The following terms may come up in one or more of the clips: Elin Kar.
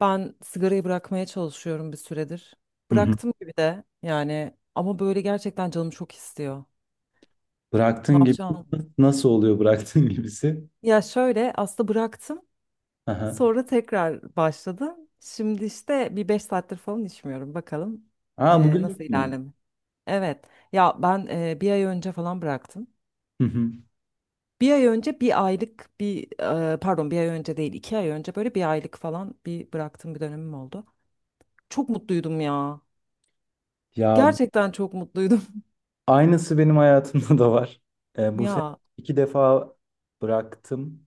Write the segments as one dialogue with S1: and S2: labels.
S1: Ben sigarayı bırakmaya çalışıyorum bir süredir.
S2: Hı hı.
S1: Bıraktım gibi de yani ama böyle gerçekten canım çok istiyor. Ne
S2: Bıraktığın gibi
S1: yapacağım?
S2: nasıl oluyor bıraktığın gibisi?
S1: Ya şöyle aslında bıraktım
S2: Aha.
S1: sonra tekrar başladım. Şimdi işte bir 5 saattir falan içmiyorum bakalım
S2: Aa, bugün
S1: nasıl
S2: yapmıyor.
S1: ilerleme. Evet, ya ben 1 ay önce falan bıraktım.
S2: Hı hı.
S1: Bir ay önce 1 aylık bir pardon, 1 ay önce değil 2 ay önce böyle 1 aylık falan bir bıraktığım bir dönemim oldu. Çok mutluydum ya.
S2: Ya
S1: Gerçekten çok mutluydum.
S2: aynısı benim hayatımda da var. Bu sene
S1: Ya.
S2: iki defa bıraktım.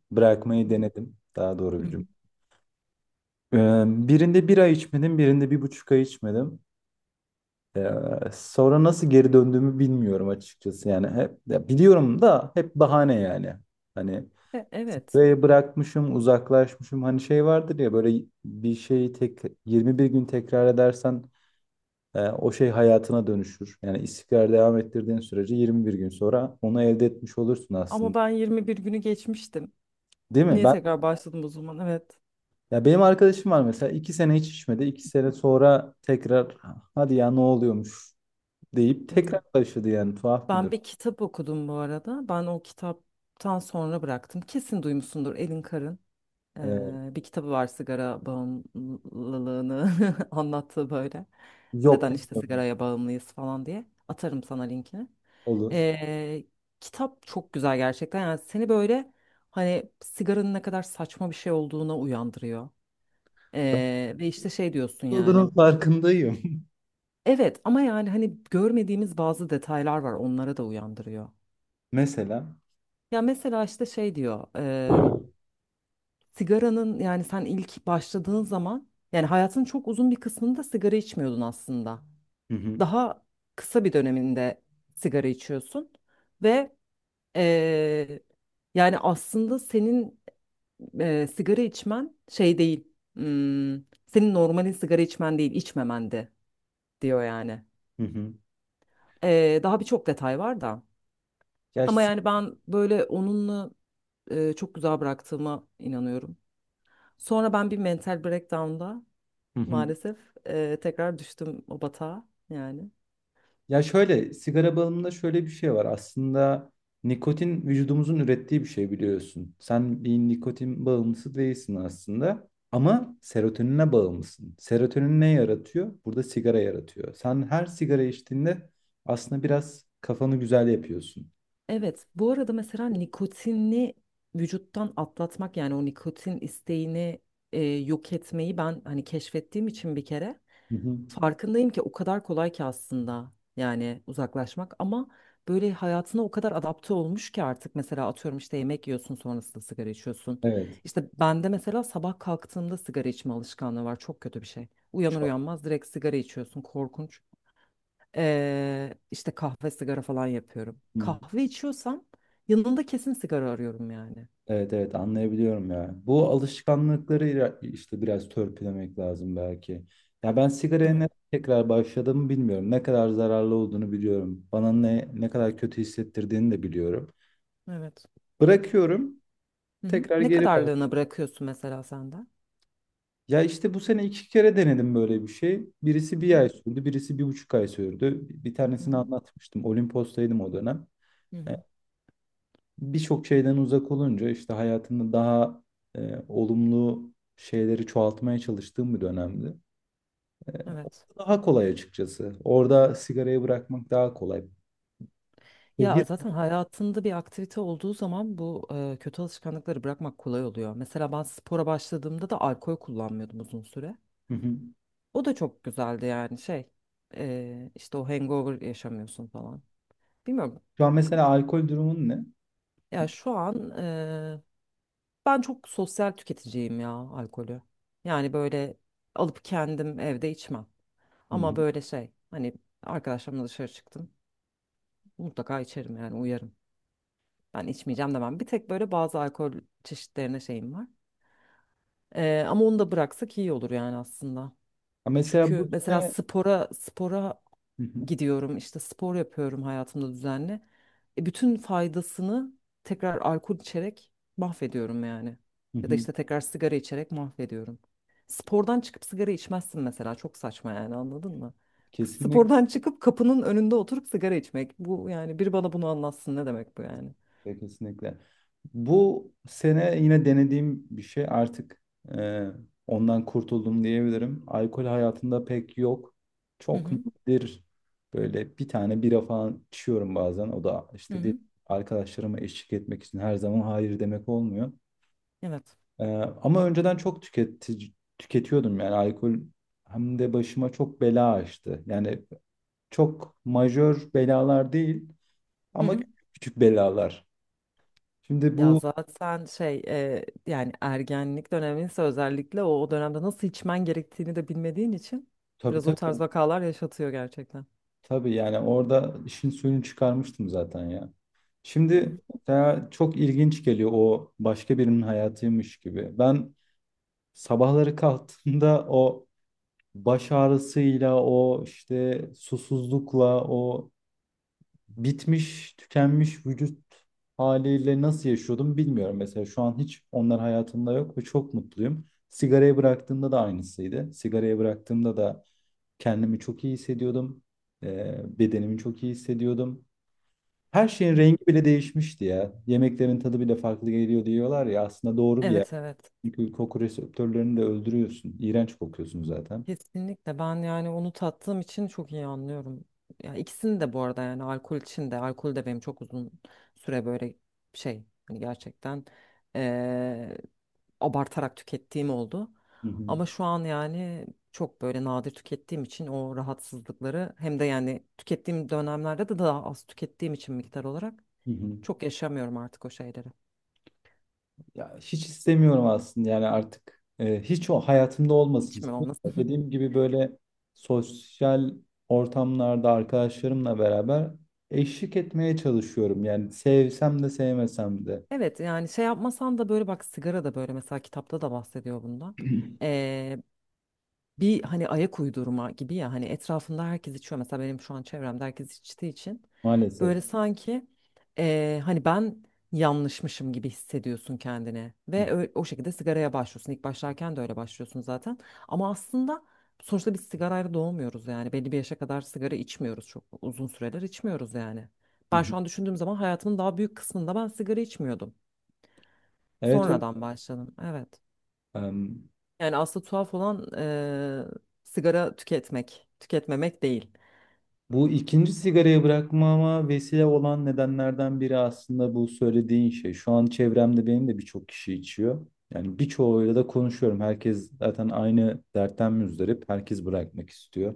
S1: Hı
S2: Bırakmayı denedim. Daha doğru bir
S1: hı.
S2: cümle. E, Birinde bir ay içmedim, birinde bir buçuk ay içmedim. E, Sonra nasıl geri döndüğümü bilmiyorum açıkçası. Yani hep ya biliyorum da hep bahane yani. Hani
S1: Evet.
S2: spreyi bırakmışım, uzaklaşmışım. Hani şey vardır ya, böyle bir şeyi tek 21 gün tekrar edersen o şey hayatına dönüşür. Yani istikrar devam ettirdiğin sürece 21 gün sonra onu elde etmiş olursun
S1: Ama
S2: aslında.
S1: ben 21 günü geçmiştim.
S2: Değil mi?
S1: Niye
S2: Ben
S1: tekrar başladım o zaman? Evet.
S2: ya benim arkadaşım var mesela, 2 sene hiç içmedi. İki sene sonra tekrar hadi ya ne oluyormuş deyip tekrar
S1: Hı.
S2: başladı, yani tuhaf bir
S1: Ben
S2: durum.
S1: bir kitap okudum bu arada. Ben o kitaptan sonra bıraktım. Kesin duymuşsundur Elin Kar'ın
S2: E,
S1: bir kitabı var, sigara bağımlılığını anlattığı böyle.
S2: Yok,
S1: Neden işte
S2: bilmiyorum.
S1: sigaraya bağımlıyız falan diye. Atarım sana linkini.
S2: Olur.
S1: E, Kitap çok güzel gerçekten. Yani seni böyle hani sigaranın ne kadar saçma bir şey olduğuna uyandırıyor. Ve işte şey diyorsun
S2: Olduğunun
S1: yani.
S2: farkındayım.
S1: Evet ama yani hani görmediğimiz bazı detaylar var, onlara da uyandırıyor.
S2: Mesela.
S1: Ya mesela işte şey diyor. Sigaranın, yani sen ilk başladığın zaman, yani hayatın çok uzun bir kısmında sigara içmiyordun aslında.
S2: Hı hı.
S1: Daha kısa bir döneminde sigara içiyorsun ve e, yani aslında senin sigara içmen şey değil. hmm, Senin normalin sigara içmen değil, içmemendi diyor yani.
S2: Hı hı.
S1: Daha birçok detay var da. Ama
S2: Gerçi-
S1: yani ben böyle onunla çok güzel bıraktığıma inanıyorum. Sonra ben bir mental breakdown'da
S2: Hı hı.
S1: maalesef tekrar düştüm o batağa yani.
S2: Ya şöyle, sigara bağımlılığında şöyle bir şey var. Aslında nikotin vücudumuzun ürettiği bir şey, biliyorsun. Sen bir nikotin bağımlısı değilsin aslında, ama serotonine bağımlısın. Serotonin ne yaratıyor? Burada sigara yaratıyor. Sen her sigara içtiğinde aslında biraz kafanı güzel yapıyorsun.
S1: Evet, bu arada mesela nikotini vücuttan atlatmak, yani o nikotin isteğini yok etmeyi ben hani keşfettiğim için bir kere
S2: Hı hı.
S1: farkındayım ki o kadar kolay ki aslında yani uzaklaşmak, ama böyle hayatına o kadar adapte olmuş ki artık mesela atıyorum işte yemek yiyorsun sonrasında sigara içiyorsun.
S2: Evet.
S1: İşte bende mesela sabah kalktığımda sigara içme alışkanlığı var, çok kötü bir şey. Uyanır
S2: Çok.
S1: uyanmaz direkt sigara içiyorsun, korkunç. İşte kahve sigara falan yapıyorum.
S2: Hı.
S1: Kahve içiyorsam yanında kesin sigara arıyorum yani.
S2: Evet, evet, anlayabiliyorum ya. Bu alışkanlıkları ira- işte biraz törpülemek lazım belki. Ya ben sigaraya ne
S1: Evet.
S2: tekrar başladığımı bilmiyorum. Ne kadar zararlı olduğunu biliyorum. Bana ne ne kadar kötü hissettirdiğini de biliyorum.
S1: Evet.
S2: Bırakıyorum,
S1: Hı hı.
S2: tekrar
S1: Ne
S2: geri bak.
S1: kadarlığına bırakıyorsun mesela senden?
S2: Ya işte bu sene iki kere denedim böyle bir şey. Birisi
S1: Hı
S2: bir
S1: hı.
S2: ay sürdü, birisi bir buçuk ay sürdü. Bir
S1: Hı
S2: tanesini
S1: hı.
S2: anlatmıştım. Olimpos'taydım o dönem.
S1: Hı hı.
S2: Birçok şeyden uzak olunca işte hayatında daha olumlu şeyleri çoğaltmaya çalıştığım bir dönemdi. E,
S1: Evet.
S2: Orada daha kolay açıkçası. Orada sigarayı bırakmak daha kolay.
S1: Ya
S2: Şehir.
S1: zaten hayatında bir aktivite olduğu zaman bu kötü alışkanlıkları bırakmak kolay oluyor. Mesela ben spora başladığımda da alkol kullanmıyordum uzun süre.
S2: Hı hı.
S1: O da çok güzeldi yani şey, işte o hangover yaşamıyorsun falan. Bilmiyorum,
S2: Şu an mesela alkol durumun ne?
S1: ya şu an ben çok sosyal tüketiciyim ya alkolü. Yani böyle alıp kendim evde içmem.
S2: Hı
S1: Ama
S2: hı.
S1: böyle şey hani arkadaşlarımla dışarı çıktım mutlaka içerim yani, uyarım. Ben içmeyeceğim demem. Bir tek böyle bazı alkol çeşitlerine şeyim var. Ama onu da bıraksak iyi olur yani aslında.
S2: Ha, mesela
S1: Çünkü
S2: bu
S1: mesela
S2: ne?
S1: spora
S2: Hı hı.
S1: gidiyorum, işte spor yapıyorum hayatımda düzenli. Bütün faydasını tekrar alkol içerek mahvediyorum yani.
S2: Hı
S1: Ya da
S2: hı.
S1: işte tekrar sigara içerek mahvediyorum. Spordan çıkıp sigara içmezsin mesela, çok saçma yani, anladın mı?
S2: Kesinlikle.
S1: Spordan çıkıp kapının önünde oturup sigara içmek. Bu, yani biri bana bunu anlatsın, ne demek bu yani?
S2: Kesinlikle, kesinlikle. Bu sene yine denediğim bir şey, artık e, ondan kurtuldum diyebilirim. Alkol hayatımda pek yok.
S1: Hı
S2: Çok
S1: hı,
S2: nadir, böyle bir tane bira falan içiyorum bazen. O da
S1: hı
S2: işte de-
S1: hı.
S2: arkadaşlarıma eşlik etmek için, her zaman hayır demek olmuyor.
S1: Evet.
S2: E, Ama önceden çok tüketici, tüketiyordum yani alkol, hem de başıma çok bela açtı. Yani çok majör belalar değil ama küçük belalar. Şimdi
S1: Ya
S2: bu
S1: zaten şey yani ergenlik döneminde özellikle o dönemde nasıl içmen gerektiğini de bilmediğin için
S2: tabii,
S1: biraz o tarz
S2: tabii.
S1: vakalar yaşatıyor gerçekten.
S2: Tabii yani orada işin suyunu çıkarmıştım zaten ya.
S1: Hı
S2: Şimdi
S1: hı.
S2: mesela çok ilginç geliyor, o başka birinin hayatıymış gibi. Ben sabahları kalktığımda o baş ağrısıyla, o işte susuzlukla, o bitmiş, tükenmiş vücut haliyle nasıl yaşıyordum bilmiyorum. Mesela şu an hiç onlar hayatımda yok ve çok mutluyum. Sigarayı bıraktığımda da aynısıydı. Sigarayı bıraktığımda da kendimi çok iyi hissediyordum. Bedenimi çok iyi hissediyordum. Her şeyin
S1: Hı.
S2: rengi bile değişmişti ya. Yemeklerin tadı bile farklı geliyor diyorlar ya. Aslında doğru bir yer.
S1: Evet, evet,
S2: Çünkü koku reseptörlerini de öldürüyorsun. İğrenç kokuyorsun zaten.
S1: kesinlikle, ben yani onu tattığım için çok iyi anlıyorum. Ya ikisini de bu arada, yani alkol için de, alkol de benim çok uzun süre böyle şey hani gerçekten abartarak tükettiğim oldu.
S2: Hı hı.
S1: Ama şu an yani çok böyle nadir tükettiğim için o rahatsızlıkları, hem de yani tükettiğim dönemlerde de daha az tükettiğim için miktar olarak,
S2: Hı hı.
S1: çok yaşamıyorum artık o şeyleri.
S2: Ya hiç istemiyorum aslında, yani artık hiç o hayatımda olmasın
S1: Hiç mi
S2: istiyorum.
S1: olmasın?
S2: Dediğim gibi, böyle sosyal ortamlarda arkadaşlarımla beraber eşlik etmeye çalışıyorum. Yani sevsem de sevmesem de
S1: Evet yani şey yapmasan da, böyle bak, sigara da böyle mesela, kitapta da bahsediyor bundan. Bir hani ayak uydurma gibi, ya hani etrafında herkes içiyor, mesela benim şu an çevremde herkes içtiği için
S2: maalesef.
S1: böyle sanki hani ben yanlışmışım gibi hissediyorsun kendini ve o şekilde sigaraya başlıyorsun, ilk başlarken de öyle başlıyorsun zaten. Ama aslında sonuçta biz sigarayla doğmuyoruz yani, belli bir yaşa kadar sigara içmiyoruz, çok uzun süreler içmiyoruz yani.
S2: Hı
S1: Ben
S2: hı.
S1: şu an düşündüğüm zaman hayatımın daha büyük kısmında ben sigara içmiyordum,
S2: Evet,
S1: sonradan başladım. Evet,
S2: öyle.
S1: yani aslında tuhaf olan sigara tüketmek, tüketmemek değil.
S2: Bu ikinci sigarayı bırakmama vesile olan nedenlerden biri aslında bu söylediğin şey. Şu an çevremde benim de birçok kişi içiyor. Yani birçoğuyla da konuşuyorum. Herkes zaten aynı dertten müzdarip. Herkes bırakmak istiyor.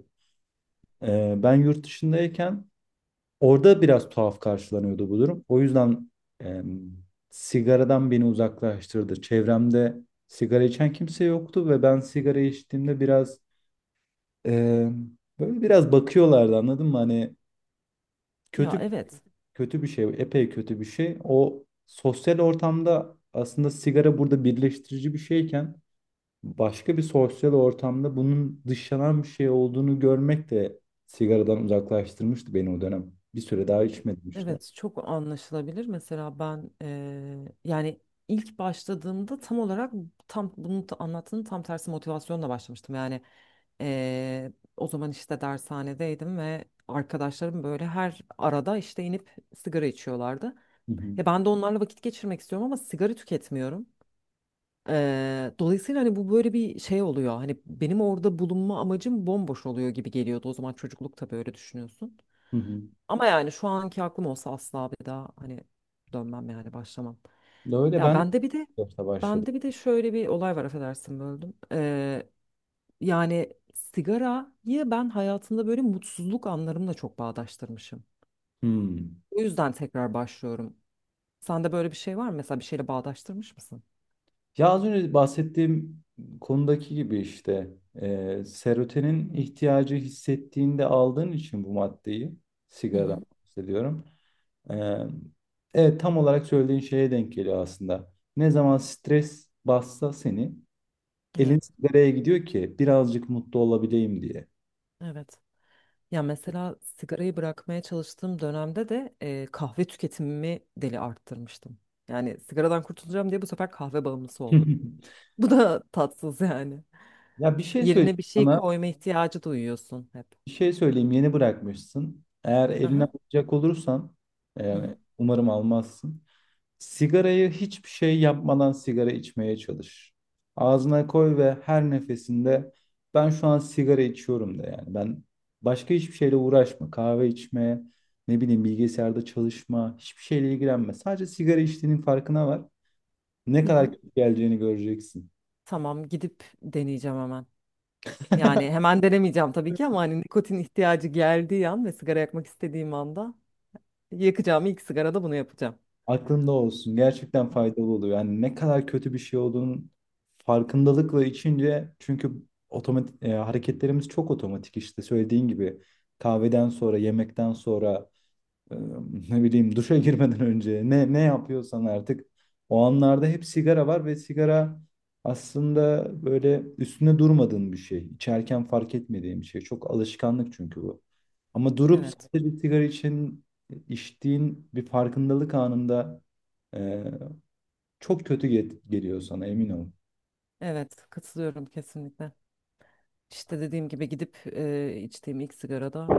S2: Ben yurt dışındayken orada biraz tuhaf karşılanıyordu bu durum. O yüzden e, sigaradan beni uzaklaştırdı. Çevremde sigara içen kimse yoktu ve ben sigara içtiğimde biraz e, böyle biraz bakıyorlardı, anladın mı? Hani
S1: Ya
S2: kötü
S1: evet,
S2: kötü bir şey, epey kötü bir şey. O sosyal ortamda aslında sigara burada birleştirici bir şeyken, başka bir sosyal ortamda bunun dışlanan bir şey olduğunu görmek de sigaradan uzaklaştırmıştı beni o dönem. Bir süre daha içmedim işte.
S1: evet, çok anlaşılabilir. Mesela ben yani ilk başladığımda tam olarak tam bunu anlattığın tam tersi motivasyonla başlamıştım. Yani eee, o zaman işte dershanedeydim ve arkadaşlarım böyle her arada işte inip sigara içiyorlardı.
S2: Hı
S1: Ya
S2: hı.
S1: ben de onlarla vakit geçirmek istiyorum ama sigara tüketmiyorum. Dolayısıyla hani bu böyle bir şey oluyor. Hani benim orada bulunma amacım bomboş oluyor gibi geliyordu. O zaman çocukluk, tabii öyle düşünüyorsun.
S2: Hı hı.
S1: Ama yani şu anki aklım olsa asla bir daha hani dönmem yani, başlamam.
S2: Öyle
S1: Ya
S2: ben de
S1: bende bir de
S2: yaşta başladım.
S1: bende bir de şöyle bir olay var, affedersin böldüm. Yani sigarayı ben hayatımda böyle mutsuzluk anlarımla çok bağdaştırmışım.
S2: Hmm.
S1: O yüzden tekrar başlıyorum. Sende böyle bir şey var mı? Mesela bir şeyle bağdaştırmış mısın?
S2: Ya az önce bahsettiğim konudaki gibi işte serotonin ihtiyacı hissettiğinde aldığın için bu maddeyi,
S1: Hı
S2: sigaradan
S1: hı.
S2: bahsediyorum. Ee, evet, tam olarak söylediğin şeye denk geliyor aslında. Ne zaman stres bassa seni,
S1: Evet,
S2: elin nereye gidiyor ki birazcık mutlu olabileyim diye.
S1: evet. Ya mesela sigarayı bırakmaya çalıştığım dönemde de kahve tüketimimi deli arttırmıştım. Yani sigaradan kurtulacağım diye bu sefer kahve bağımlısı oldum. Bu da tatsız yani.
S2: Ya bir şey söyleyeyim
S1: Yerine bir şey
S2: sana.
S1: koyma ihtiyacı duyuyorsun hep.
S2: Bir şey söyleyeyim, yeni bırakmışsın. Eğer eline
S1: Aha.
S2: alacak olursan,
S1: Hı hı.
S2: yani umarım almazsın. Sigarayı hiçbir şey yapmadan sigara içmeye çalış. Ağzına koy ve her nefesinde ben şu an sigara içiyorum de, yani. Ben başka hiçbir şeyle uğraşma. Kahve içme, ne bileyim bilgisayarda çalışma, hiçbir şeyle ilgilenme. Sadece sigara içtiğinin farkına var. Ne
S1: Hı
S2: kadar
S1: hı.
S2: kötü geleceğini göreceksin.
S1: Tamam, gidip deneyeceğim hemen. Yani hemen denemeyeceğim tabii ki ama hani nikotin ihtiyacı geldiği an ve sigara yakmak istediğim anda, yakacağım ilk sigarada bunu yapacağım.
S2: Aklında olsun. Gerçekten
S1: Tamam.
S2: faydalı oluyor. Yani ne kadar kötü bir şey olduğunun farkındalıkla içince, çünkü otomatik hareketlerimiz çok otomatik, işte söylediğin gibi kahveden sonra, yemekten sonra, ee, ne bileyim duşa girmeden önce, ne ne yapıyorsan artık o anlarda hep sigara var ve sigara aslında böyle üstüne durmadığın bir şey. İçerken fark etmediğin bir şey. Çok alışkanlık çünkü bu. Ama durup
S1: Evet.
S2: sadece sigara için içtiğin bir farkındalık anında e, çok kötü get- geliyor sana, emin ol.
S1: Evet. Katılıyorum kesinlikle. İşte dediğim gibi gidip içtiğim ilk sigarada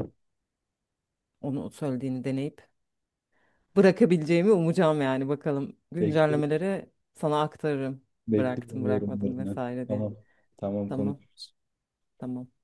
S1: onu söylediğini deneyip bırakabileceğimi umacağım yani, bakalım.
S2: Bekliyorum,
S1: Güncellemeleri sana aktarırım. Bıraktım,
S2: bekliyorum
S1: bırakmadım
S2: yorumlarını.
S1: vesaire diye.
S2: Tamam, tamam
S1: Tamam.
S2: konuş.
S1: Tamam.